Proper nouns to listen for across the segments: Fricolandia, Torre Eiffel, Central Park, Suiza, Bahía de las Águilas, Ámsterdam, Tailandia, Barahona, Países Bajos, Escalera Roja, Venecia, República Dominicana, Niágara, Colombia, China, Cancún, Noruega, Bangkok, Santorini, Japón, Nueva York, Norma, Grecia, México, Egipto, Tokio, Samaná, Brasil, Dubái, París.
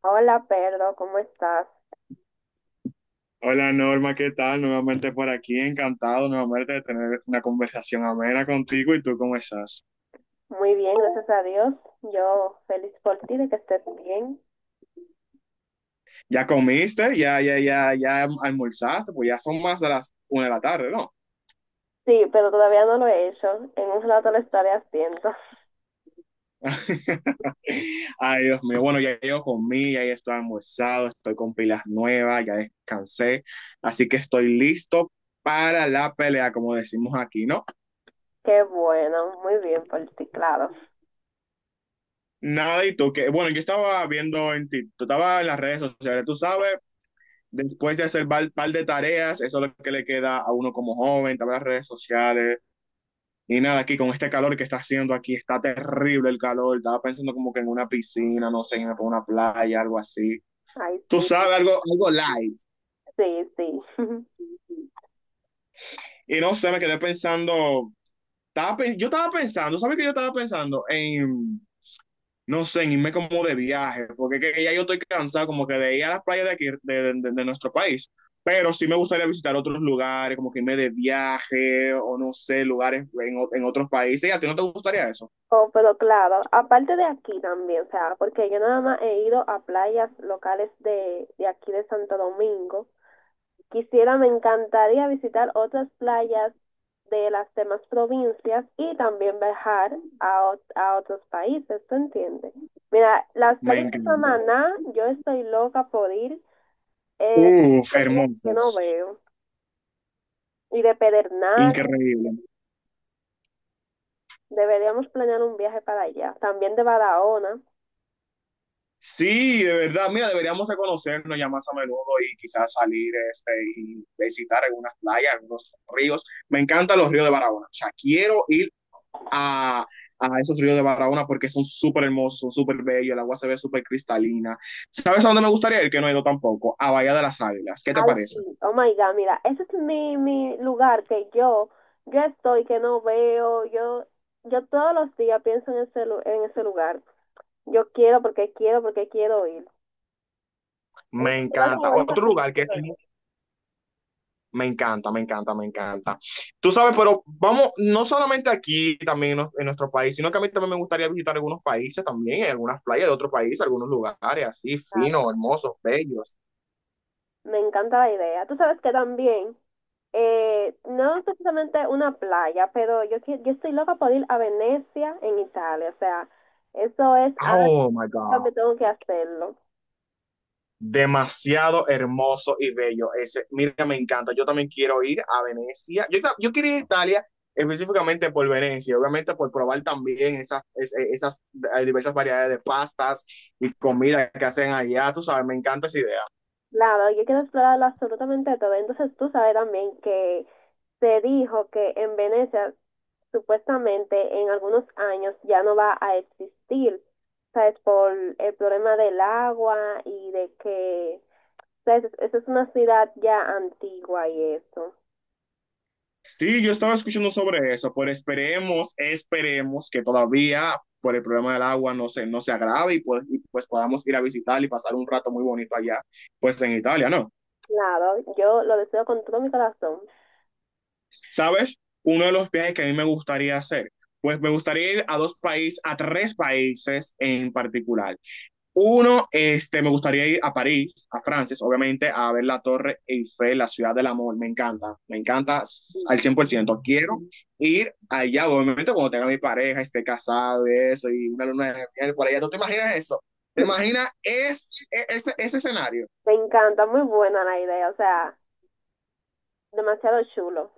Hola, Pedro, ¿cómo estás? Hola Norma, ¿qué tal? Nuevamente por aquí, encantado nuevamente de tener una conversación amena contigo. ¿Y tú cómo estás? Muy bien, gracias a Dios. Yo feliz por ti de que estés bien. ¿Ya comiste? ¿Ya almorzaste? Pues ya son más de las una de la tarde, ¿no? Sí, pero todavía no lo he hecho. En un rato lo estaré haciendo. Ay, Dios mío. Bueno, ya yo comí, ya yo estoy almorzado, estoy con pilas nuevas, ya descansé. Así que estoy listo para la pelea, como decimos aquí, ¿no? Qué bueno, muy bien por ti, claro. Nada, y tú que, bueno, yo estaba viendo en ti, tú estabas en las redes sociales, tú sabes, después de hacer un par de tareas, eso es lo que le queda a uno como joven, también las redes sociales. Y nada, aquí con este calor que está haciendo aquí, está terrible el calor. Estaba pensando como que en una piscina, no sé, en una playa, algo así. Ay, Tú sí, sabes, algo light. sí, sí. Y no sé, me quedé pensando, yo estaba pensando, ¿sabes qué yo estaba pensando? En no sé, en irme como de viaje, porque que ya yo estoy cansado como que de ir a las playas de aquí, de nuestro país, pero sí me gustaría visitar otros lugares, como que irme de viaje o no sé, lugares en otros países. ¿Y a ti no te gustaría eso? Oh, pero claro, aparte de aquí también, o sea, porque yo nada más he ido a playas locales de aquí de Santo Domingo. Quisiera, me encantaría visitar otras playas de las demás provincias y también viajar a, a otros países, ¿tú entiendes? Mira, las Me playas de encanta. Samaná, yo estoy loca por ir, eh, Uf, playas que no hermosas, veo, y de Pedernal, increíble. deberíamos planear un viaje para allá, también de Barahona. Sí, de verdad, mira, deberíamos de conocernos ya más a menudo y quizás salir este, y visitar algunas playas, algunos ríos. Me encantan los ríos de Barahona. O sea, quiero ir a, a esos ríos de Barahona porque son súper hermosos, son súper bellos, el agua se ve súper cristalina. ¿Sabes a dónde me gustaría ir? Que no he ido tampoco, a Bahía de las Águilas. ¿Qué te Ay, parece? sí, oh my God, mira, ese es mi lugar que yo estoy, que no veo, yo todos los días pienso en ese, en ese lugar. Yo quiero porque quiero porque quiero ir. Es Me mi lugar encanta. favorito Otro porque lugar que es... quiero ir. muy- Me encanta, me encanta, me encanta. Tú sabes, pero vamos, no solamente aquí también en nuestro país, sino que a mí también me gustaría visitar algunos países también, algunas playas de otros países, algunos lugares así, finos, Claro. hermosos, bellos. Me encanta la idea. Tú sabes que también, no es precisamente una playa, pero yo, yo estoy loca por ir a Venecia en Italia. O sea, eso es algo Oh, my God, que tengo que hacerlo. demasiado hermoso y bello. Ese, mira, me encanta. Yo también quiero ir a Venecia. Yo quiero ir a Italia específicamente por Venecia, obviamente por probar también esas diversas variedades de pastas y comida que hacen allá. Tú sabes, me encanta esa idea. Claro, yo quiero explorarlo absolutamente todo. Entonces tú sabes también que se dijo que en Venecia supuestamente en algunos años ya no va a existir, ¿sabes? Por el problema del agua y de que, ¿sabes? Esa es una ciudad ya antigua y eso. Sí, yo estaba escuchando sobre eso, pero esperemos que todavía por el problema del agua no se agrave y pues, podamos ir a visitar y pasar un rato muy bonito allá, pues en Italia, ¿no? Claro, yo lo deseo con todo mi corazón. ¿Sabes? Uno de los viajes que a mí me gustaría hacer, pues me gustaría ir a dos países, a tres países en particular. Uno, este, me gustaría ir a París, a Francia, obviamente, a ver la Torre Eiffel, la ciudad del amor, me encanta al Sí. 100%. Quiero ir allá, obviamente, cuando tenga mi pareja, esté casado, eso, y una luna de miel por allá. ¿Tú te imaginas eso? ¿Te imaginas ese escenario? Me encanta, muy buena la idea, o sea, demasiado chulo.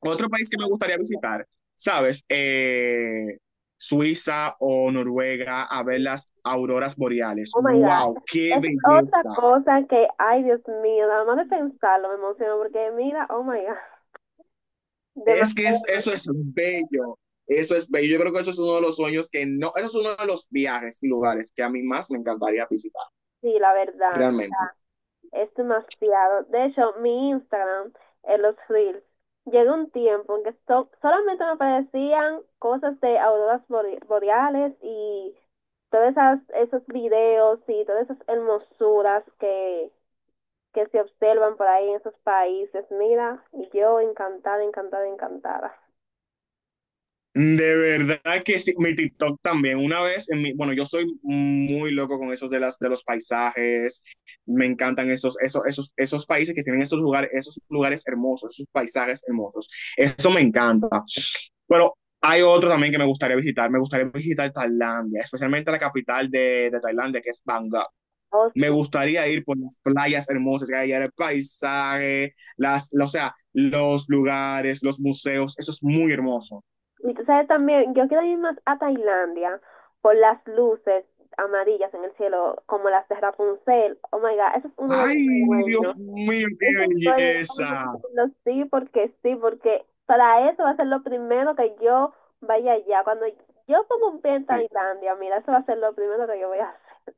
Otro país que me gustaría visitar, ¿sabes? Suiza o Noruega a ver las auroras boreales. Oh my ¡Wow! God. ¡Qué Es otra belleza! cosa que, ay Dios mío, nada más de pensarlo me emociono porque mira, oh my God, Es que eso demasiado, es bello. Eso es bello. Yo creo que eso es uno de los sueños que no, eso es uno de los viajes y lugares que a mí más me encantaría visitar, sí, la verdad. realmente. Es demasiado. De hecho, mi Instagram en los Reels llegó un tiempo en que solamente me aparecían cosas de auroras boreales y todos esos videos y todas esas hermosuras que se observan por ahí en esos países. Mira, y yo encantada, encantada, encantada. De verdad que sí, mi TikTok también. Una vez, en mi, bueno, yo soy muy loco con esos de los paisajes. Me encantan esos países que tienen esos lugares hermosos, esos paisajes hermosos. Eso me encanta. Pero hay otro también que me gustaría visitar. Me gustaría visitar Tailandia, especialmente la capital de Tailandia, que es Bangkok. Oh, Me sí. gustaría ir por las playas hermosas que hay allá, el paisaje, las, o sea, los lugares, los museos. Eso es muy hermoso. Y tú sabes también, yo quiero ir más a Tailandia por las luces amarillas en el cielo, como las de Rapunzel. Oh my God, ese es uno de mis Ay, Dios sueños. mío, Eso qué fue, vamos belleza. a sí, porque para eso va a ser lo primero que yo vaya allá. Cuando yo pongo un pie en Sí. Tailandia, mira, eso va a ser lo primero que yo voy a hacer.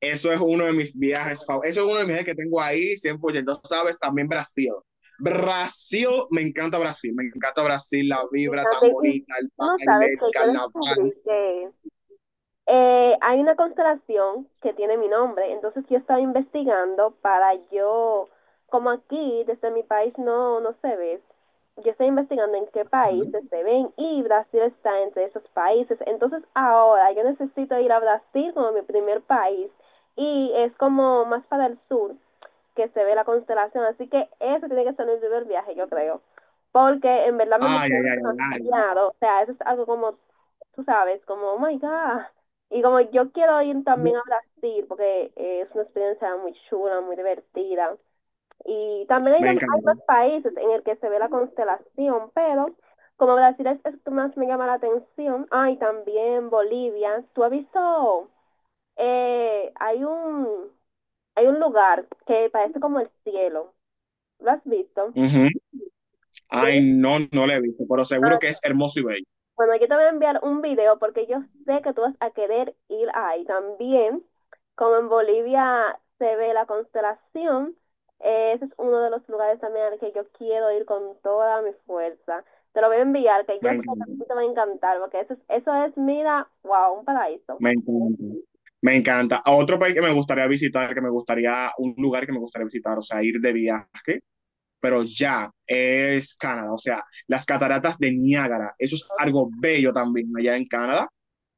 Eso es uno de mis viajes favoritos. Eso es uno de mis viajes que tengo ahí 100%. Sabes, también Brasil. Brasil, me encanta Brasil. Me encanta Brasil, la Y vibra tan también, y bonita, el tú no sabes baile, que el yo carnaval. descubrí que hay una constelación que tiene mi nombre, entonces yo estaba investigando para yo, como aquí desde mi país no se ve, yo estoy investigando en qué países se ven y Brasil está entre esos países, entonces ahora yo necesito ir a Brasil como mi primer país y es como más para el sur que se ve la constelación. Así que eso tiene que ser el primer viaje, yo creo. Porque en verdad me Ay, emocionó ay, ay, ay. demasiado. O sea, eso es algo como, tú sabes, como, oh my God. Y como yo quiero ir Ay. también a Brasil, porque es una experiencia muy chula, muy divertida. Y también hay, Me hay encanta. más países en el que se ve la constelación, pero como Brasil es el que más me llama la atención. Ay también Bolivia. ¿Tú has visto? Hay un hay un lugar que parece como el cielo. ¿Lo has visto? Ujú. Ay, Yo- no, no lo he visto, pero seguro que ah, es hermoso y bello. bueno, yo te voy a enviar un video porque yo sé que tú vas a querer ir ahí. También, como en Bolivia se ve la constelación, ese es uno de los lugares también al que yo quiero ir con toda mi fuerza. Te lo voy a enviar, que yo Me sé que a encanta, ti te va a encantar, porque eso es, mira, wow, un paraíso. me encanta, me encanta. A otro país que me gustaría visitar, que me gustaría, un lugar que me gustaría visitar, o sea, ir de viaje, pero ya es Canadá, o sea, las cataratas de Niágara, eso es algo bello también allá en Canadá.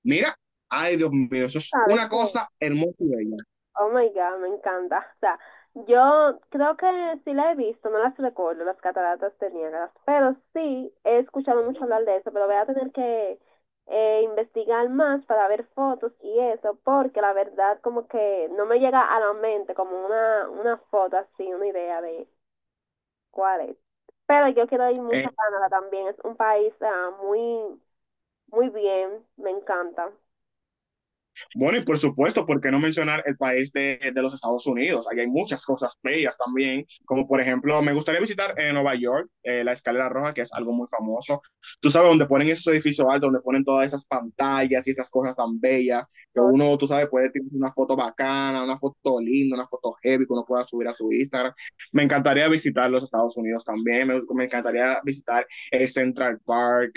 Mira, ay Dios mío, eso es Sabes una que cosa hermosa y bella. oh my God, me encanta. O sea, yo creo que sí la he visto, no las recuerdo, las cataratas de Niágara, pero sí he escuchado mucho hablar de eso, pero voy a tener que investigar más para ver fotos y eso, porque la verdad como que no me llega a la mente como una foto así, una idea de cuál es. Pero yo quiero ir mucho a Canadá también, es un país ah, muy, muy bien, me encanta. Bueno, y por supuesto, ¿por qué no mencionar el país de los Estados Unidos? Ahí hay muchas cosas bellas también, como por ejemplo, me gustaría visitar en Nueva York, la Escalera Roja, que es algo muy famoso. Tú sabes, donde ponen esos edificios altos, donde ponen todas esas pantallas y esas cosas tan bellas, que Oh, uno, tú sabes, puede tener una foto bacana, una foto linda, una foto heavy que uno pueda subir a su Instagram. Me encantaría visitar los Estados Unidos también, me encantaría visitar el Central Park,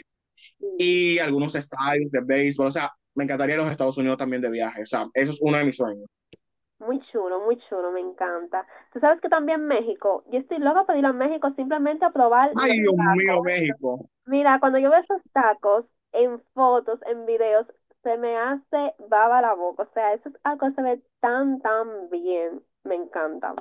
sí. y algunos estadios de béisbol. O sea, me encantaría ir a los Estados Unidos también de viaje. O sea, eso es uno de mis sueños. Muy chulo, me encanta. Tú sabes que también México, yo estoy loca por ir a México simplemente a probar Ay, los Dios mío, tacos. México. Mira, cuando yo veo esos tacos en fotos, en videos, se me hace baba la boca. O sea, eso es algo que se ve tan, tan bien. Me encanta.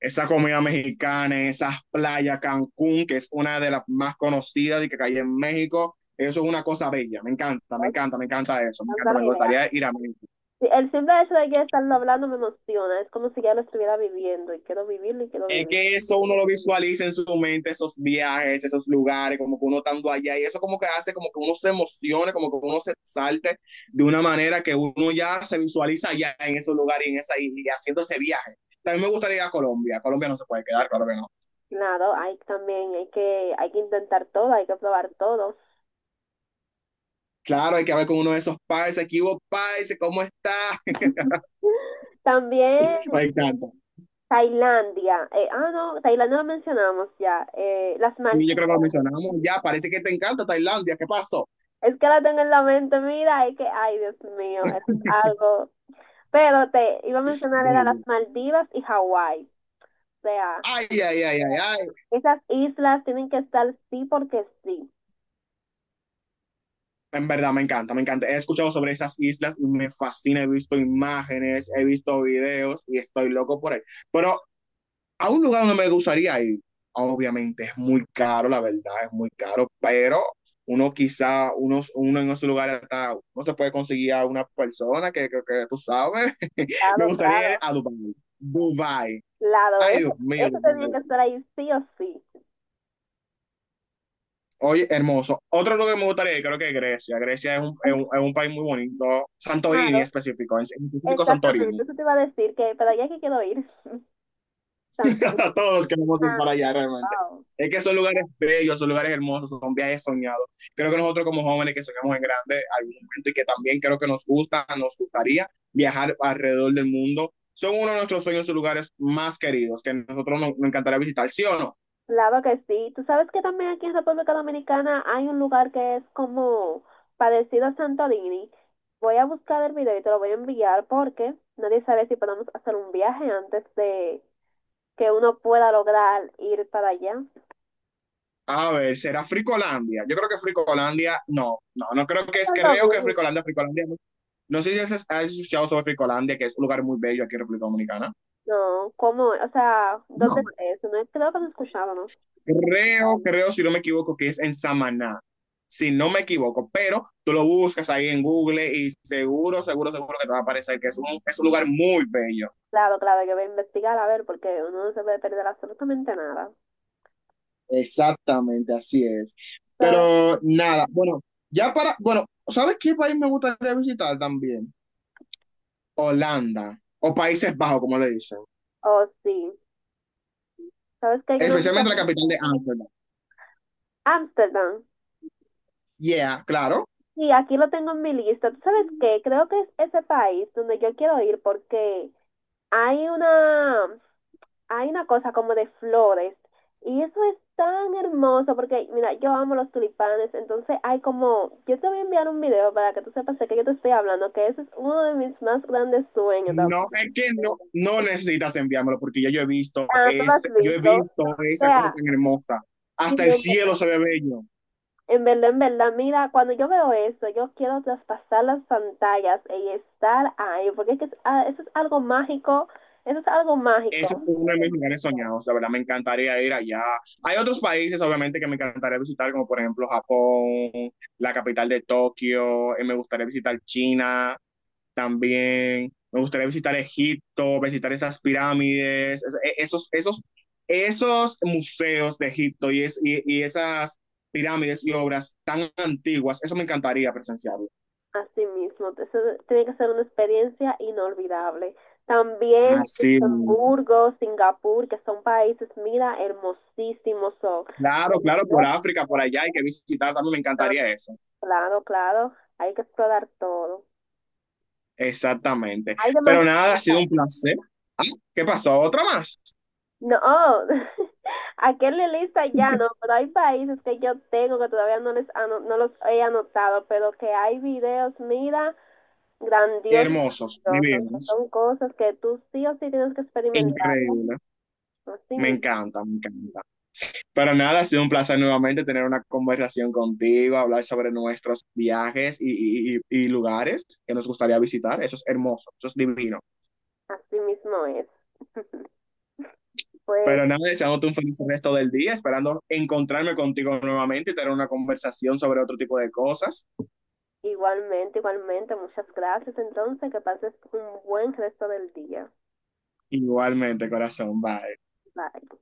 Esa comida mexicana, esas playas, Cancún, que es una de las más conocidas y que hay en México. Eso es una cosa bella. Me encanta, me Me encanta, me encanta eso. Me encanta encanta, me la idea. gustaría ir a México. Sí, el simple hecho de que estarlo hablando me emociona. Es como si ya lo estuviera viviendo y quiero vivirlo y quiero Es vivirlo. que eso uno lo visualiza en su mente, esos viajes, esos lugares, como que uno estando allá, y eso como que hace como que uno se emocione, como que uno se salte de una manera que uno ya se visualiza allá en esos lugares y, en esa, y haciendo ese viaje. También me gustaría ir a Colombia, Colombia no se puede quedar, claro que no. Claro, hay también, hay que intentar todo, hay que probar todo. Claro, hay que hablar con uno de esos países. ¿Qué hubo países? ¿Cómo está? También Me encanta. Tailandia. No, Tailandia lo mencionamos ya. Las Y yo Maldivas. creo que lo mencionamos ya, parece que te encanta Tailandia, ¿qué pasó? Es que la tengo en la mente, mira, es que, ay, Dios mío, eso es algo. Pero te iba a mencionar, era las Maldivas y Hawái. O sea, Ay, ay, ay, ay, ay. esas islas tienen que estar sí porque sí. En verdad, me encanta, me encanta. He escuchado sobre esas islas, y me fascina, he visto imágenes, he visto videos y estoy loco por ahí. Pero a un lugar donde me gustaría ir, obviamente es muy caro, la verdad, es muy caro, pero uno quizá, unos, uno en esos lugares hasta no se puede conseguir a una persona que tú sabes. Me Claro, gustaría ir claro. a Dubái. Dubái. Claro, Ay, Dios eso, mío, eso tenía que Dubái. estar ahí sí o sí. Oye, hermoso. Otro lugar que me gustaría ir, creo que es Grecia. Grecia es un, es Ay, un, es un país muy bonito. Santorini claro, específico, en específico exactamente. Santorini. Eso te iba a decir que, pero ya que quiero ir. Santorini. Todos queremos ir Ah, para allá realmente. wow. Es que son lugares bellos, son lugares hermosos, son viajes soñados. Creo que nosotros como jóvenes que soñamos en grande algún momento y que también creo que nos gusta, nos gustaría viajar alrededor del mundo, son uno de nuestros sueños y lugares más queridos que nosotros nos encantaría visitar, ¿sí o no? Claro que sí. Tú sabes que también aquí en República Dominicana hay un lugar que es como parecido a Santorini. Voy a buscar el video y te lo voy a enviar porque nadie sabe si podemos hacer un viaje antes de que uno pueda lograr ir para allá. A ver, ¿será Fricolandia? Yo creo que Fricolandia, no, no, no creo que es, creo Pasarlo que bien. Fricolandia, Fricolandia no. No sé si has escuchado sobre Fricolandia, que es un lugar muy bello aquí en República Dominicana. No, ¿cómo? O sea, ¿dónde No. es eso? No, creo que no escuchábamos. Creo, si no me equivoco, que es en Samaná, si no me equivoco, pero tú lo buscas ahí en Google y seguro, seguro, seguro que te va a aparecer que es un lugar muy bello. Claro, claro, yo voy a investigar a ver porque uno no se puede perder absolutamente nada. Exactamente, así es. ¿Sabes? Pero nada, bueno, ya para, bueno, ¿sabes qué país me gustaría visitar también? Holanda, o Países Bajos, como le dicen, Oh, sí. ¿Sabes que yo no he visto especialmente la capital de Ámsterdam. Ámsterdam? Yeah, claro. Sí, aquí lo tengo en mi lista. ¿Tú sabes qué? Creo que es ese país donde yo quiero ir porque hay una, hay una cosa como de flores y eso es tan hermoso porque, mira, yo amo los tulipanes, entonces hay como, yo te voy a enviar un video para que tú sepas de qué yo te estoy hablando, que ese es uno de mis más grandes sueños. ¿No? No, es que no, no necesitas enviármelo porque ya yo he visto Ah, tú lo has ese, yo he visto. visto O esa cosa sea, tan hermosa. Hasta el siguiente. cielo se ve bello. En verdad, mira, cuando yo veo eso, yo quiero traspasar las pantallas y estar ahí, porque es que ah, eso es algo mágico, eso es algo Ese mágico es uno de mis lugares soñados, la verdad me encantaría ir allá. Hay otros países, obviamente, que me encantaría visitar, como por ejemplo Japón, la capital de Tokio, me gustaría visitar China. También me gustaría visitar Egipto, visitar esas pirámides, esos museos de Egipto y esas pirámides y obras tan antiguas. Eso me encantaría presenciarlo. así mismo, eso tiene que ser una experiencia inolvidable. También Así mismo. Luxemburgo, Singapur, que son países, mira, hermosísimos son. Claro, claro, por África, por allá hay que visitar, también me encantaría eso. Claro, claro, hay que explorar todo. Exactamente. Hay Pero demasiado. nada, ha sido un placer. Ah, ¿qué pasó? ¿Otra más? No, aquel en la lista ya no, pero hay países que yo tengo que todavía no les no los he anotado, pero que hay videos, mira, grandiosos, Hermosos, grandiosos, que divinos, son cosas que tú sí o sí tienes que experimentar, increíble. así Me mismo, encanta, me encanta. Pero nada, ha sido un placer nuevamente tener una conversación contigo, hablar sobre nuestros viajes y lugares que nos gustaría visitar. Eso es hermoso, eso es divino. así mismo es. Pues Pero nada, deseándote un feliz resto del día, esperando encontrarme contigo nuevamente y tener una conversación sobre otro tipo de cosas. igualmente, igualmente, muchas gracias entonces, que pases un buen resto del día. Igualmente, corazón, bye. Bye.